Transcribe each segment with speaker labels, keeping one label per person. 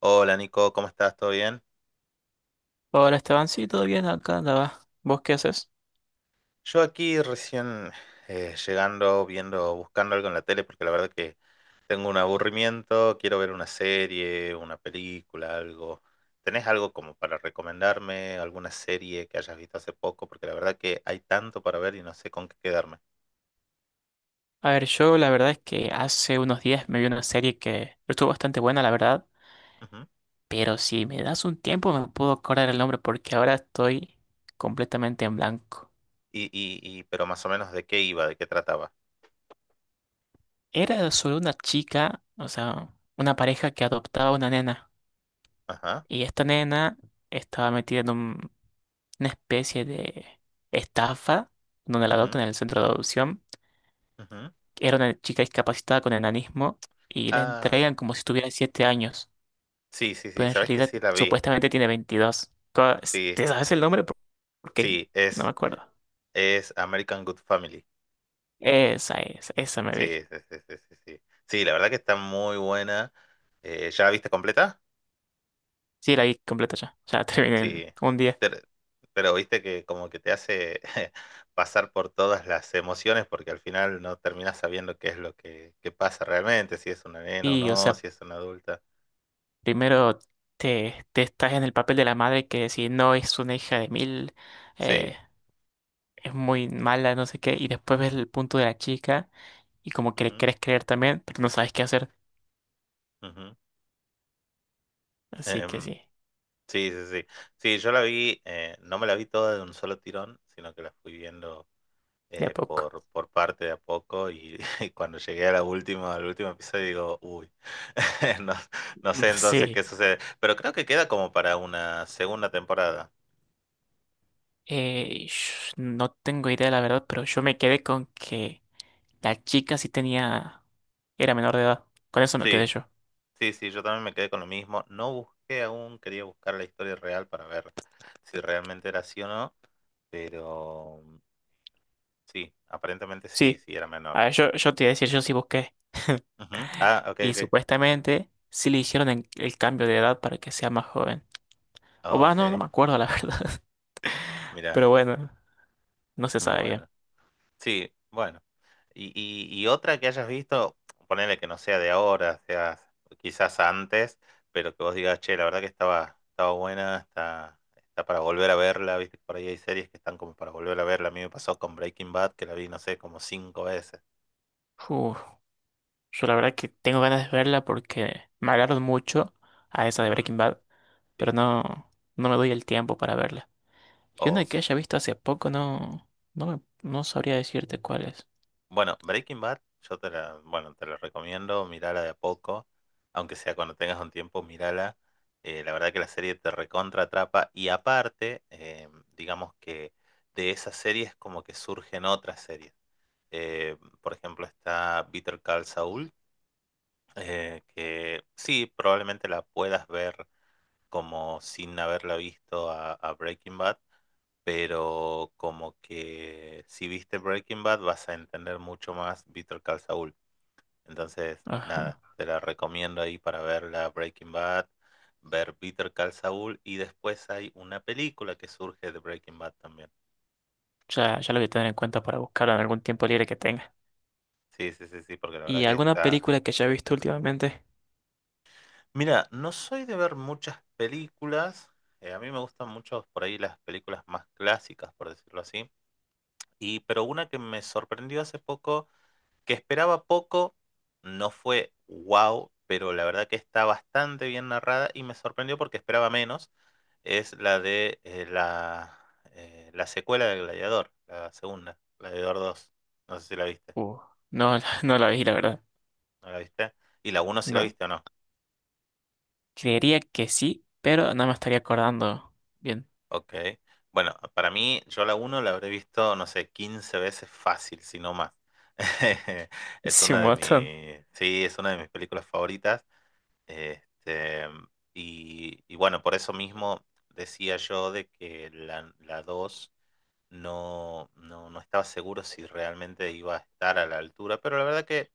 Speaker 1: Hola Nico, ¿cómo estás? ¿Todo bien?
Speaker 2: Hola Esteban, sí, todo bien, acá andaba. ¿Vos qué haces?
Speaker 1: Yo aquí recién llegando, viendo, buscando algo en la tele, porque la verdad que tengo un aburrimiento, quiero ver una serie, una película, algo. ¿Tenés algo como para recomendarme? ¿Alguna serie que hayas visto hace poco? Porque la verdad que hay tanto para ver y no sé con qué quedarme.
Speaker 2: A ver, yo la verdad es que hace unos días me vi una serie que estuvo bastante buena, la verdad,
Speaker 1: Ujú.
Speaker 2: pero si me das un tiempo me puedo acordar el nombre porque ahora estoy completamente en blanco.
Speaker 1: Y pero más o menos de qué iba, de qué trataba.
Speaker 2: Era sobre una chica, o sea, una pareja que adoptaba una nena
Speaker 1: Ajá.
Speaker 2: y esta nena estaba metida en una especie de estafa donde la
Speaker 1: Ujú,
Speaker 2: adoptan en el centro de adopción.
Speaker 1: ujú.
Speaker 2: Era una chica discapacitada con enanismo y la
Speaker 1: Ah,
Speaker 2: entregan como si tuviera 7 años,
Speaker 1: sí, sí, sí,
Speaker 2: pero en
Speaker 1: sabes que
Speaker 2: realidad
Speaker 1: sí la vi.
Speaker 2: supuestamente tiene 22
Speaker 1: Sí,
Speaker 2: ¿Te sabes el nombre? Porque
Speaker 1: sí,
Speaker 2: no me acuerdo.
Speaker 1: es American Good Family.
Speaker 2: Esa es, esa me
Speaker 1: Sí,
Speaker 2: vi.
Speaker 1: sí, sí, sí, sí, sí. Sí, la verdad que está muy buena. ¿Ya la viste completa?
Speaker 2: Sí, la vi completa ya. Ya terminé en
Speaker 1: Sí.
Speaker 2: un día.
Speaker 1: Te- Pero, viste que como que te hace pasar por todas las emociones porque al final no terminas sabiendo qué es qué pasa realmente, si es una nena o
Speaker 2: Y, o
Speaker 1: no,
Speaker 2: sea,
Speaker 1: si es una adulta.
Speaker 2: primero te estás en el papel de la madre que si no es una hija de mil,
Speaker 1: Sí.
Speaker 2: eh, es muy mala, no sé qué. Y después ves el punto de la chica y como que le
Speaker 1: Ujú,
Speaker 2: querés creer también, pero no sabes qué hacer.
Speaker 1: ujú.
Speaker 2: Así que
Speaker 1: Em,
Speaker 2: sí,
Speaker 1: sí, sí, sí. Sí, yo la vi, no me la vi toda de un solo tirón, sino que la fui viendo
Speaker 2: de a poco.
Speaker 1: por parte de a poco y, y cuando llegué a la última, al último episodio digo, uy, no, no sé entonces qué
Speaker 2: Sí.
Speaker 1: sucede, pero creo que queda como para una segunda temporada.
Speaker 2: No tengo idea, la verdad, pero yo me quedé con que la chica sí tenía, era menor de edad. Con eso me quedé
Speaker 1: Sí,
Speaker 2: yo.
Speaker 1: sí, sí, yo también me quedé con lo mismo, no busqué aún, quería buscar la historia real para ver si realmente era así o no, pero sí, aparentemente sí,
Speaker 2: Sí.
Speaker 1: sí, era menor.
Speaker 2: A ver, yo te iba a decir, yo sí busqué.
Speaker 1: Ujú. Ah, ok,
Speaker 2: Y
Speaker 1: ok,
Speaker 2: supuestamente sí le hicieron el cambio de edad para que sea más joven. O va,
Speaker 1: ok,
Speaker 2: no, no me acuerdo la verdad.
Speaker 1: mira,
Speaker 2: Pero bueno, no se sabe bien.
Speaker 1: bueno, sí, bueno. Y otra que hayas visto, ponele que no sea de ahora, sea quizás antes, pero que vos digas, che, la verdad que estaba buena, está para volver a verla, viste, por ahí hay series que están como para volver a verla. A mí me pasó con Breaking Bad, que la vi, no sé, como cinco veces.
Speaker 2: Uf, yo la verdad que tengo ganas de verla porque me hablaron mucho a esa de
Speaker 1: Ujú.
Speaker 2: Breaking Bad, pero
Speaker 1: Sí.
Speaker 2: no me doy el tiempo para verla. Y una
Speaker 1: O
Speaker 2: que haya visto hace poco no sabría decirte cuál es.
Speaker 1: bueno, Breaking Bad, bueno, te la recomiendo, mirala de a poco, aunque sea cuando tengas un tiempo, mirala. La verdad que la serie te recontra atrapa y aparte, digamos que de esas series como que surgen otras series. Por ejemplo, está Bitter Call Saul, que sí, probablemente la puedas ver como sin haberla visto a Breaking Bad, pero como que si viste Breaking Bad vas a entender mucho más Better Call Saul. Entonces, nada,
Speaker 2: Ajá.
Speaker 1: te la recomiendo ahí para ver la Breaking Bad, ver Better Call Saul y después hay una película que surge de Breaking Bad también.
Speaker 2: Ya, ya lo voy a tener en cuenta para buscarla en algún tiempo libre que tenga.
Speaker 1: Sí, sí, sí, sí, porque la verdad
Speaker 2: ¿Y
Speaker 1: que
Speaker 2: alguna
Speaker 1: está...
Speaker 2: película que haya visto últimamente?
Speaker 1: Mira, no soy de ver muchas películas. A mí me gustan mucho por ahí las películas más clásicas, por decirlo así. Y, pero una que me sorprendió hace poco, que esperaba poco, no fue wow, pero la verdad que está bastante bien narrada y me sorprendió porque esperaba menos, es la de la secuela del Gladiador, la segunda, Gladiador dos. No sé si la viste,
Speaker 2: Uh, no, no la vi, la verdad.
Speaker 1: ¿no la viste? Y la uno si la
Speaker 2: No.
Speaker 1: viste o no.
Speaker 2: Creería que sí, pero no me estaría acordando bien.
Speaker 1: Ok. Bueno, para mí, yo la uno la habré visto, no sé, 15 veces fácil, si no más. Es
Speaker 2: Sí,
Speaker 1: una
Speaker 2: un
Speaker 1: de
Speaker 2: montón.
Speaker 1: sí, es una de mis películas favoritas. Este, y bueno, por eso mismo decía yo de que la 2 no estaba seguro si realmente iba a estar a la altura, pero la verdad que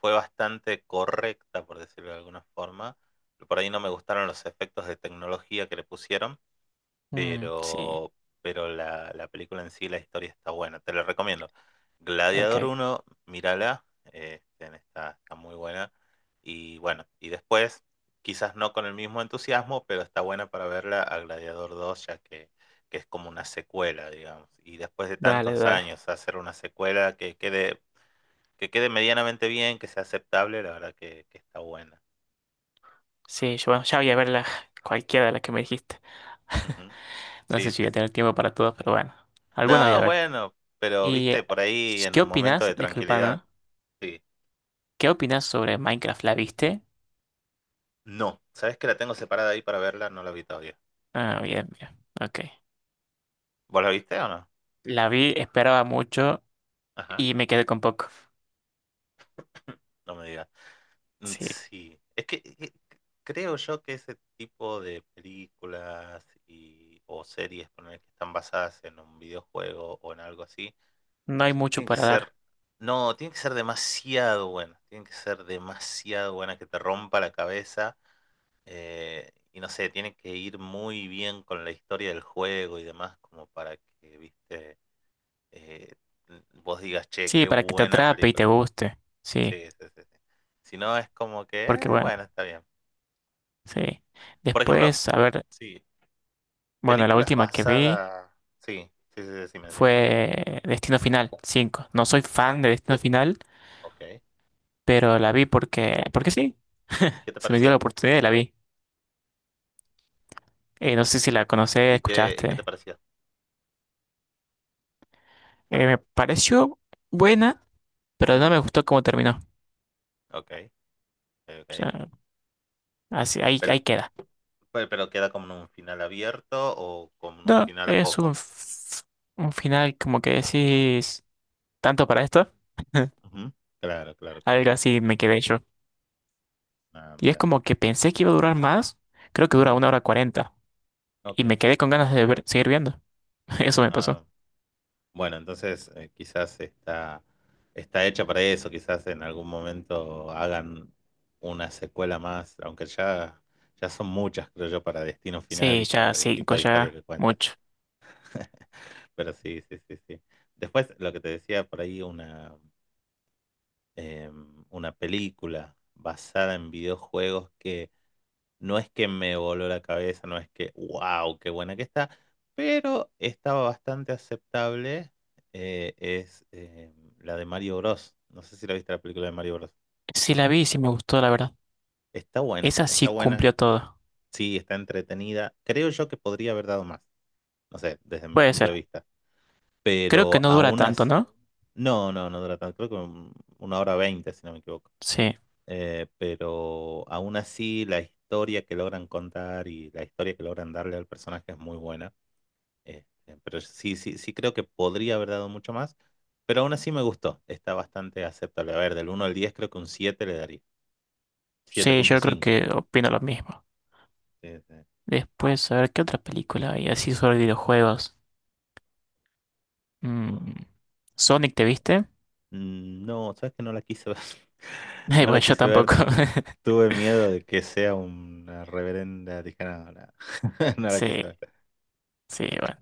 Speaker 1: fue bastante correcta, por decirlo de alguna forma. Por ahí no me gustaron los efectos de tecnología que le pusieron,
Speaker 2: Mm, sí,
Speaker 1: pero, pero la película en sí, la historia está buena, te la recomiendo. Gladiador
Speaker 2: ok.
Speaker 1: uno mírala, está, está muy buena. Y bueno, y después, quizás no con el mismo entusiasmo, pero está buena para verla a Gladiador dos ya que es como una secuela, digamos. Y después de
Speaker 2: Dale,
Speaker 1: tantos
Speaker 2: dale.
Speaker 1: años hacer una secuela que que quede medianamente bien, que sea aceptable, la verdad que está buena.
Speaker 2: Sí, yo bueno, ya voy a ver cualquiera de las que me dijiste.
Speaker 1: Ujú.
Speaker 2: No
Speaker 1: Sí,
Speaker 2: sé si
Speaker 1: sí,
Speaker 2: voy a
Speaker 1: sí.
Speaker 2: tener tiempo para todas, pero bueno. Alguna voy a
Speaker 1: No,
Speaker 2: ver.
Speaker 1: bueno, pero
Speaker 2: ¿Y
Speaker 1: viste, por ahí en
Speaker 2: qué
Speaker 1: un momento
Speaker 2: opinas?
Speaker 1: de
Speaker 2: Disculpa,
Speaker 1: tranquilidad.
Speaker 2: ¿no?
Speaker 1: Sí.
Speaker 2: ¿Qué opinas sobre Minecraft? ¿La viste?
Speaker 1: No. ¿Sabes que la tengo separada ahí para verla? No la vi todavía.
Speaker 2: Ah, bien, bien. Ok.
Speaker 1: ¿Vos la viste o no?
Speaker 2: La vi, esperaba mucho
Speaker 1: Ajá.
Speaker 2: y me quedé con poco.
Speaker 1: No me digas. Mm.
Speaker 2: Sí.
Speaker 1: Sí. Es que creo yo que ese tipo de películas y, o series ponele, que están basadas en un videojuego o en algo así,
Speaker 2: No hay mucho
Speaker 1: tienen que
Speaker 2: para
Speaker 1: ser.
Speaker 2: dar.
Speaker 1: No, tienen que ser demasiado buenas. Tienen que ser demasiado buenas que te rompa la cabeza. Y no sé, tienen que ir muy bien con la historia del juego y demás, como para que, viste. eh, Vos digas, che,
Speaker 2: Sí,
Speaker 1: qué
Speaker 2: para que te
Speaker 1: buena
Speaker 2: atrape y te
Speaker 1: película.
Speaker 2: guste.
Speaker 1: Sí,
Speaker 2: Sí,
Speaker 1: sí, sí, sí. Si no, es como que,
Speaker 2: porque bueno,
Speaker 1: bueno, está bien.
Speaker 2: sí.
Speaker 1: Por ejemplo,
Speaker 2: Después, a ver,
Speaker 1: sí,
Speaker 2: bueno, la
Speaker 1: películas
Speaker 2: última que vi
Speaker 1: basadas. Sí, sí, sí, decime, decime.
Speaker 2: fue Destino Final 5. No soy fan de Destino Final,
Speaker 1: Ok. ¿Y
Speaker 2: pero la vi porque, sí.
Speaker 1: qué te
Speaker 2: Se me dio la
Speaker 1: pareció?
Speaker 2: oportunidad y la vi.
Speaker 1: ¿Y,
Speaker 2: No sé si la
Speaker 1: y,
Speaker 2: conoces,
Speaker 1: y qué, y qué te
Speaker 2: escuchaste.
Speaker 1: pareció?
Speaker 2: Me pareció buena, pero
Speaker 1: Ujú.
Speaker 2: no me gustó cómo terminó.
Speaker 1: Ok,
Speaker 2: O
Speaker 1: ok.
Speaker 2: sea, así, ahí,
Speaker 1: Pero,
Speaker 2: ahí queda.
Speaker 1: pero queda como en un final abierto o como en un
Speaker 2: No,
Speaker 1: final a
Speaker 2: es un,
Speaker 1: poco.
Speaker 2: f- un final como que decís, ¿tanto para esto?
Speaker 1: Ujú. Claro, claro, claro.
Speaker 2: Algo
Speaker 1: Entiendo.
Speaker 2: así me quedé yo.
Speaker 1: Ah,
Speaker 2: Y es
Speaker 1: mira.
Speaker 2: como que pensé que iba a durar más. Creo que dura
Speaker 1: Ujú.
Speaker 2: una hora 40.
Speaker 1: Ok.
Speaker 2: Y me quedé con ganas de seguir viendo. Eso me pasó.
Speaker 1: Ah, bueno, entonces quizás está, está hecha para eso, quizás en algún momento hagan una secuela más, aunque ya, ya son muchas, creo yo, para Destino Final
Speaker 2: Sí,
Speaker 1: y
Speaker 2: ya
Speaker 1: para el tipo
Speaker 2: 5,
Speaker 1: de historia
Speaker 2: ya
Speaker 1: que cuenta.
Speaker 2: mucho.
Speaker 1: Pero sí, sí, sí, sí. Después, lo que te decía por ahí, eh, una película basada en videojuegos no es que me voló la cabeza, no es que, wow, qué buena que está, pero estaba bastante aceptable. Es La de Mario Bros. No sé si la viste la película de Mario Bros.
Speaker 2: Sí la vi y sí me gustó, la verdad.
Speaker 1: Está buena,
Speaker 2: Esa
Speaker 1: está
Speaker 2: sí
Speaker 1: buena.
Speaker 2: cumplió todo.
Speaker 1: Sí, está entretenida. Creo yo que podría haber dado más. No sé, desde mi
Speaker 2: Puede
Speaker 1: punto de
Speaker 2: ser.
Speaker 1: vista.
Speaker 2: Creo que
Speaker 1: Pero
Speaker 2: no dura
Speaker 1: aún
Speaker 2: tanto,
Speaker 1: así.
Speaker 2: ¿no?
Speaker 1: No, no, no dura tanto. Creo que una hora veinte, si no me equivoco.
Speaker 2: Sí.
Speaker 1: Pero aún así, la historia que logran contar y la historia que logran darle al personaje es muy buena. Pero sí, sí, sí creo que podría haber dado mucho más, pero aún así me gustó. Está bastante aceptable. A ver, del uno al 10 creo que un 7 le daría.
Speaker 2: Sí, yo creo
Speaker 1: 7.5.
Speaker 2: que opino lo mismo.
Speaker 1: Sí, sí.
Speaker 2: Después, a ver, ¿qué otra película hay así sobre videojuegos? Mm, ¿Sonic te viste?
Speaker 1: Mm. No, sabes que no la quise ver. No la
Speaker 2: Bueno, yo
Speaker 1: quise ver.
Speaker 2: tampoco.
Speaker 1: Tuve miedo de que sea una reverenda tijera. No, no, no la
Speaker 2: Sí,
Speaker 1: quise ver.
Speaker 2: sí, bueno.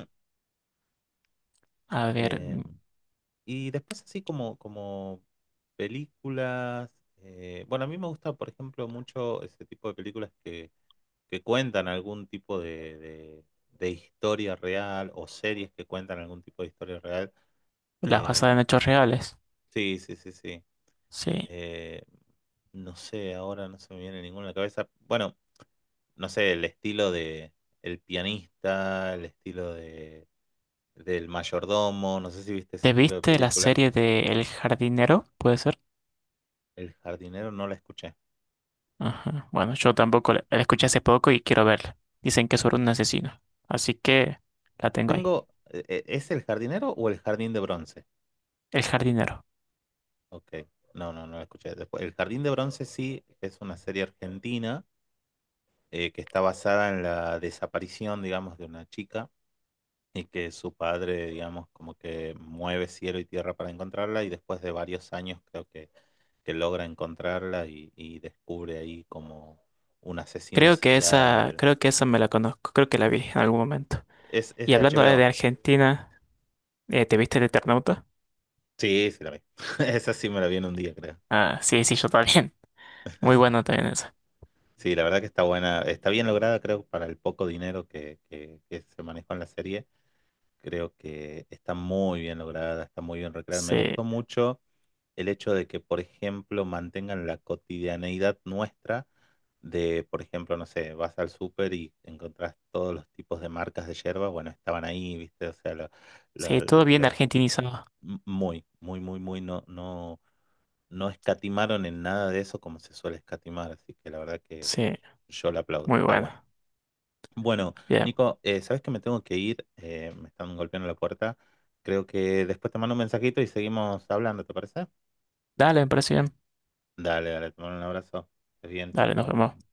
Speaker 2: A ver,
Speaker 1: Eh, y después así como, como películas. Bueno, a mí me gusta, por ejemplo, mucho ese tipo de películas que cuentan algún tipo de historia real o series que cuentan algún tipo de historia real.
Speaker 2: las basadas en
Speaker 1: Eh,
Speaker 2: hechos reales.
Speaker 1: sí, sí, sí, sí.
Speaker 2: Sí.
Speaker 1: Eh, no sé, ahora no se me viene ninguna a la cabeza. Bueno, no sé, el estilo de El pianista, el estilo de del mayordomo, no sé si viste ese
Speaker 2: ¿Te
Speaker 1: estilo de
Speaker 2: viste la
Speaker 1: película.
Speaker 2: serie de El jardinero? ¿Puede ser?
Speaker 1: El jardinero no la escuché.
Speaker 2: Ajá. Bueno, yo tampoco la escuché hace poco y quiero verla. Dicen que es sobre un asesino. Así que la tengo ahí.
Speaker 1: Tengo, ¿es el jardinero o el jardín de bronce?
Speaker 2: El jardinero.
Speaker 1: Ok, no, no, no la escuché. Después, el jardín de bronce sí es una serie argentina que está basada en la desaparición, digamos, de una chica y que su padre, digamos, como que mueve cielo y tierra para encontrarla y después de varios años creo que logra encontrarla y descubre ahí como un asesino
Speaker 2: Creo que esa,
Speaker 1: serial.
Speaker 2: creo que esa me la conozco. Creo que la vi en algún momento.
Speaker 1: Es
Speaker 2: Y
Speaker 1: de
Speaker 2: hablando de
Speaker 1: HBO.
Speaker 2: Argentina, ¿te viste el Eternauta?
Speaker 1: Sí, sí la vi. Esa sí me la vi en un día, creo.
Speaker 2: Ah, sí, sí, yo también. Muy
Speaker 1: Sí,
Speaker 2: bueno
Speaker 1: sí,
Speaker 2: también
Speaker 1: sí.
Speaker 2: esa.
Speaker 1: Sí, la verdad que está buena, está bien lograda, creo, para el poco dinero que se manejó en la serie. Creo que está muy bien lograda, está muy bien recreada. Me
Speaker 2: Sí.
Speaker 1: gustó mucho el hecho de que, por ejemplo, mantengan la cotidianeidad nuestra de, por ejemplo, no sé, vas al súper y encontrás todos los tipos de marcas de yerba, bueno, estaban ahí, ¿viste?
Speaker 2: Sí,
Speaker 1: Lo-
Speaker 2: todo bien
Speaker 1: lo-
Speaker 2: argentinizado.
Speaker 1: Muy, muy, muy, muy, no, no, no escatimaron en nada de eso como se suele escatimar, así que la verdad que
Speaker 2: Sí,
Speaker 1: yo la aplaudo,
Speaker 2: muy
Speaker 1: está
Speaker 2: bueno.
Speaker 1: bueno. Bueno,
Speaker 2: Bien.
Speaker 1: Nico, sabes que me tengo que ir. Me están golpeando la puerta, creo que después te mando un mensajito y seguimos hablando, ¿te parece?
Speaker 2: Dale, me parece bien.
Speaker 1: Dale, dale, te mando un abrazo. Estés bien, chao,
Speaker 2: Dale, nos
Speaker 1: chao.
Speaker 2: vemos.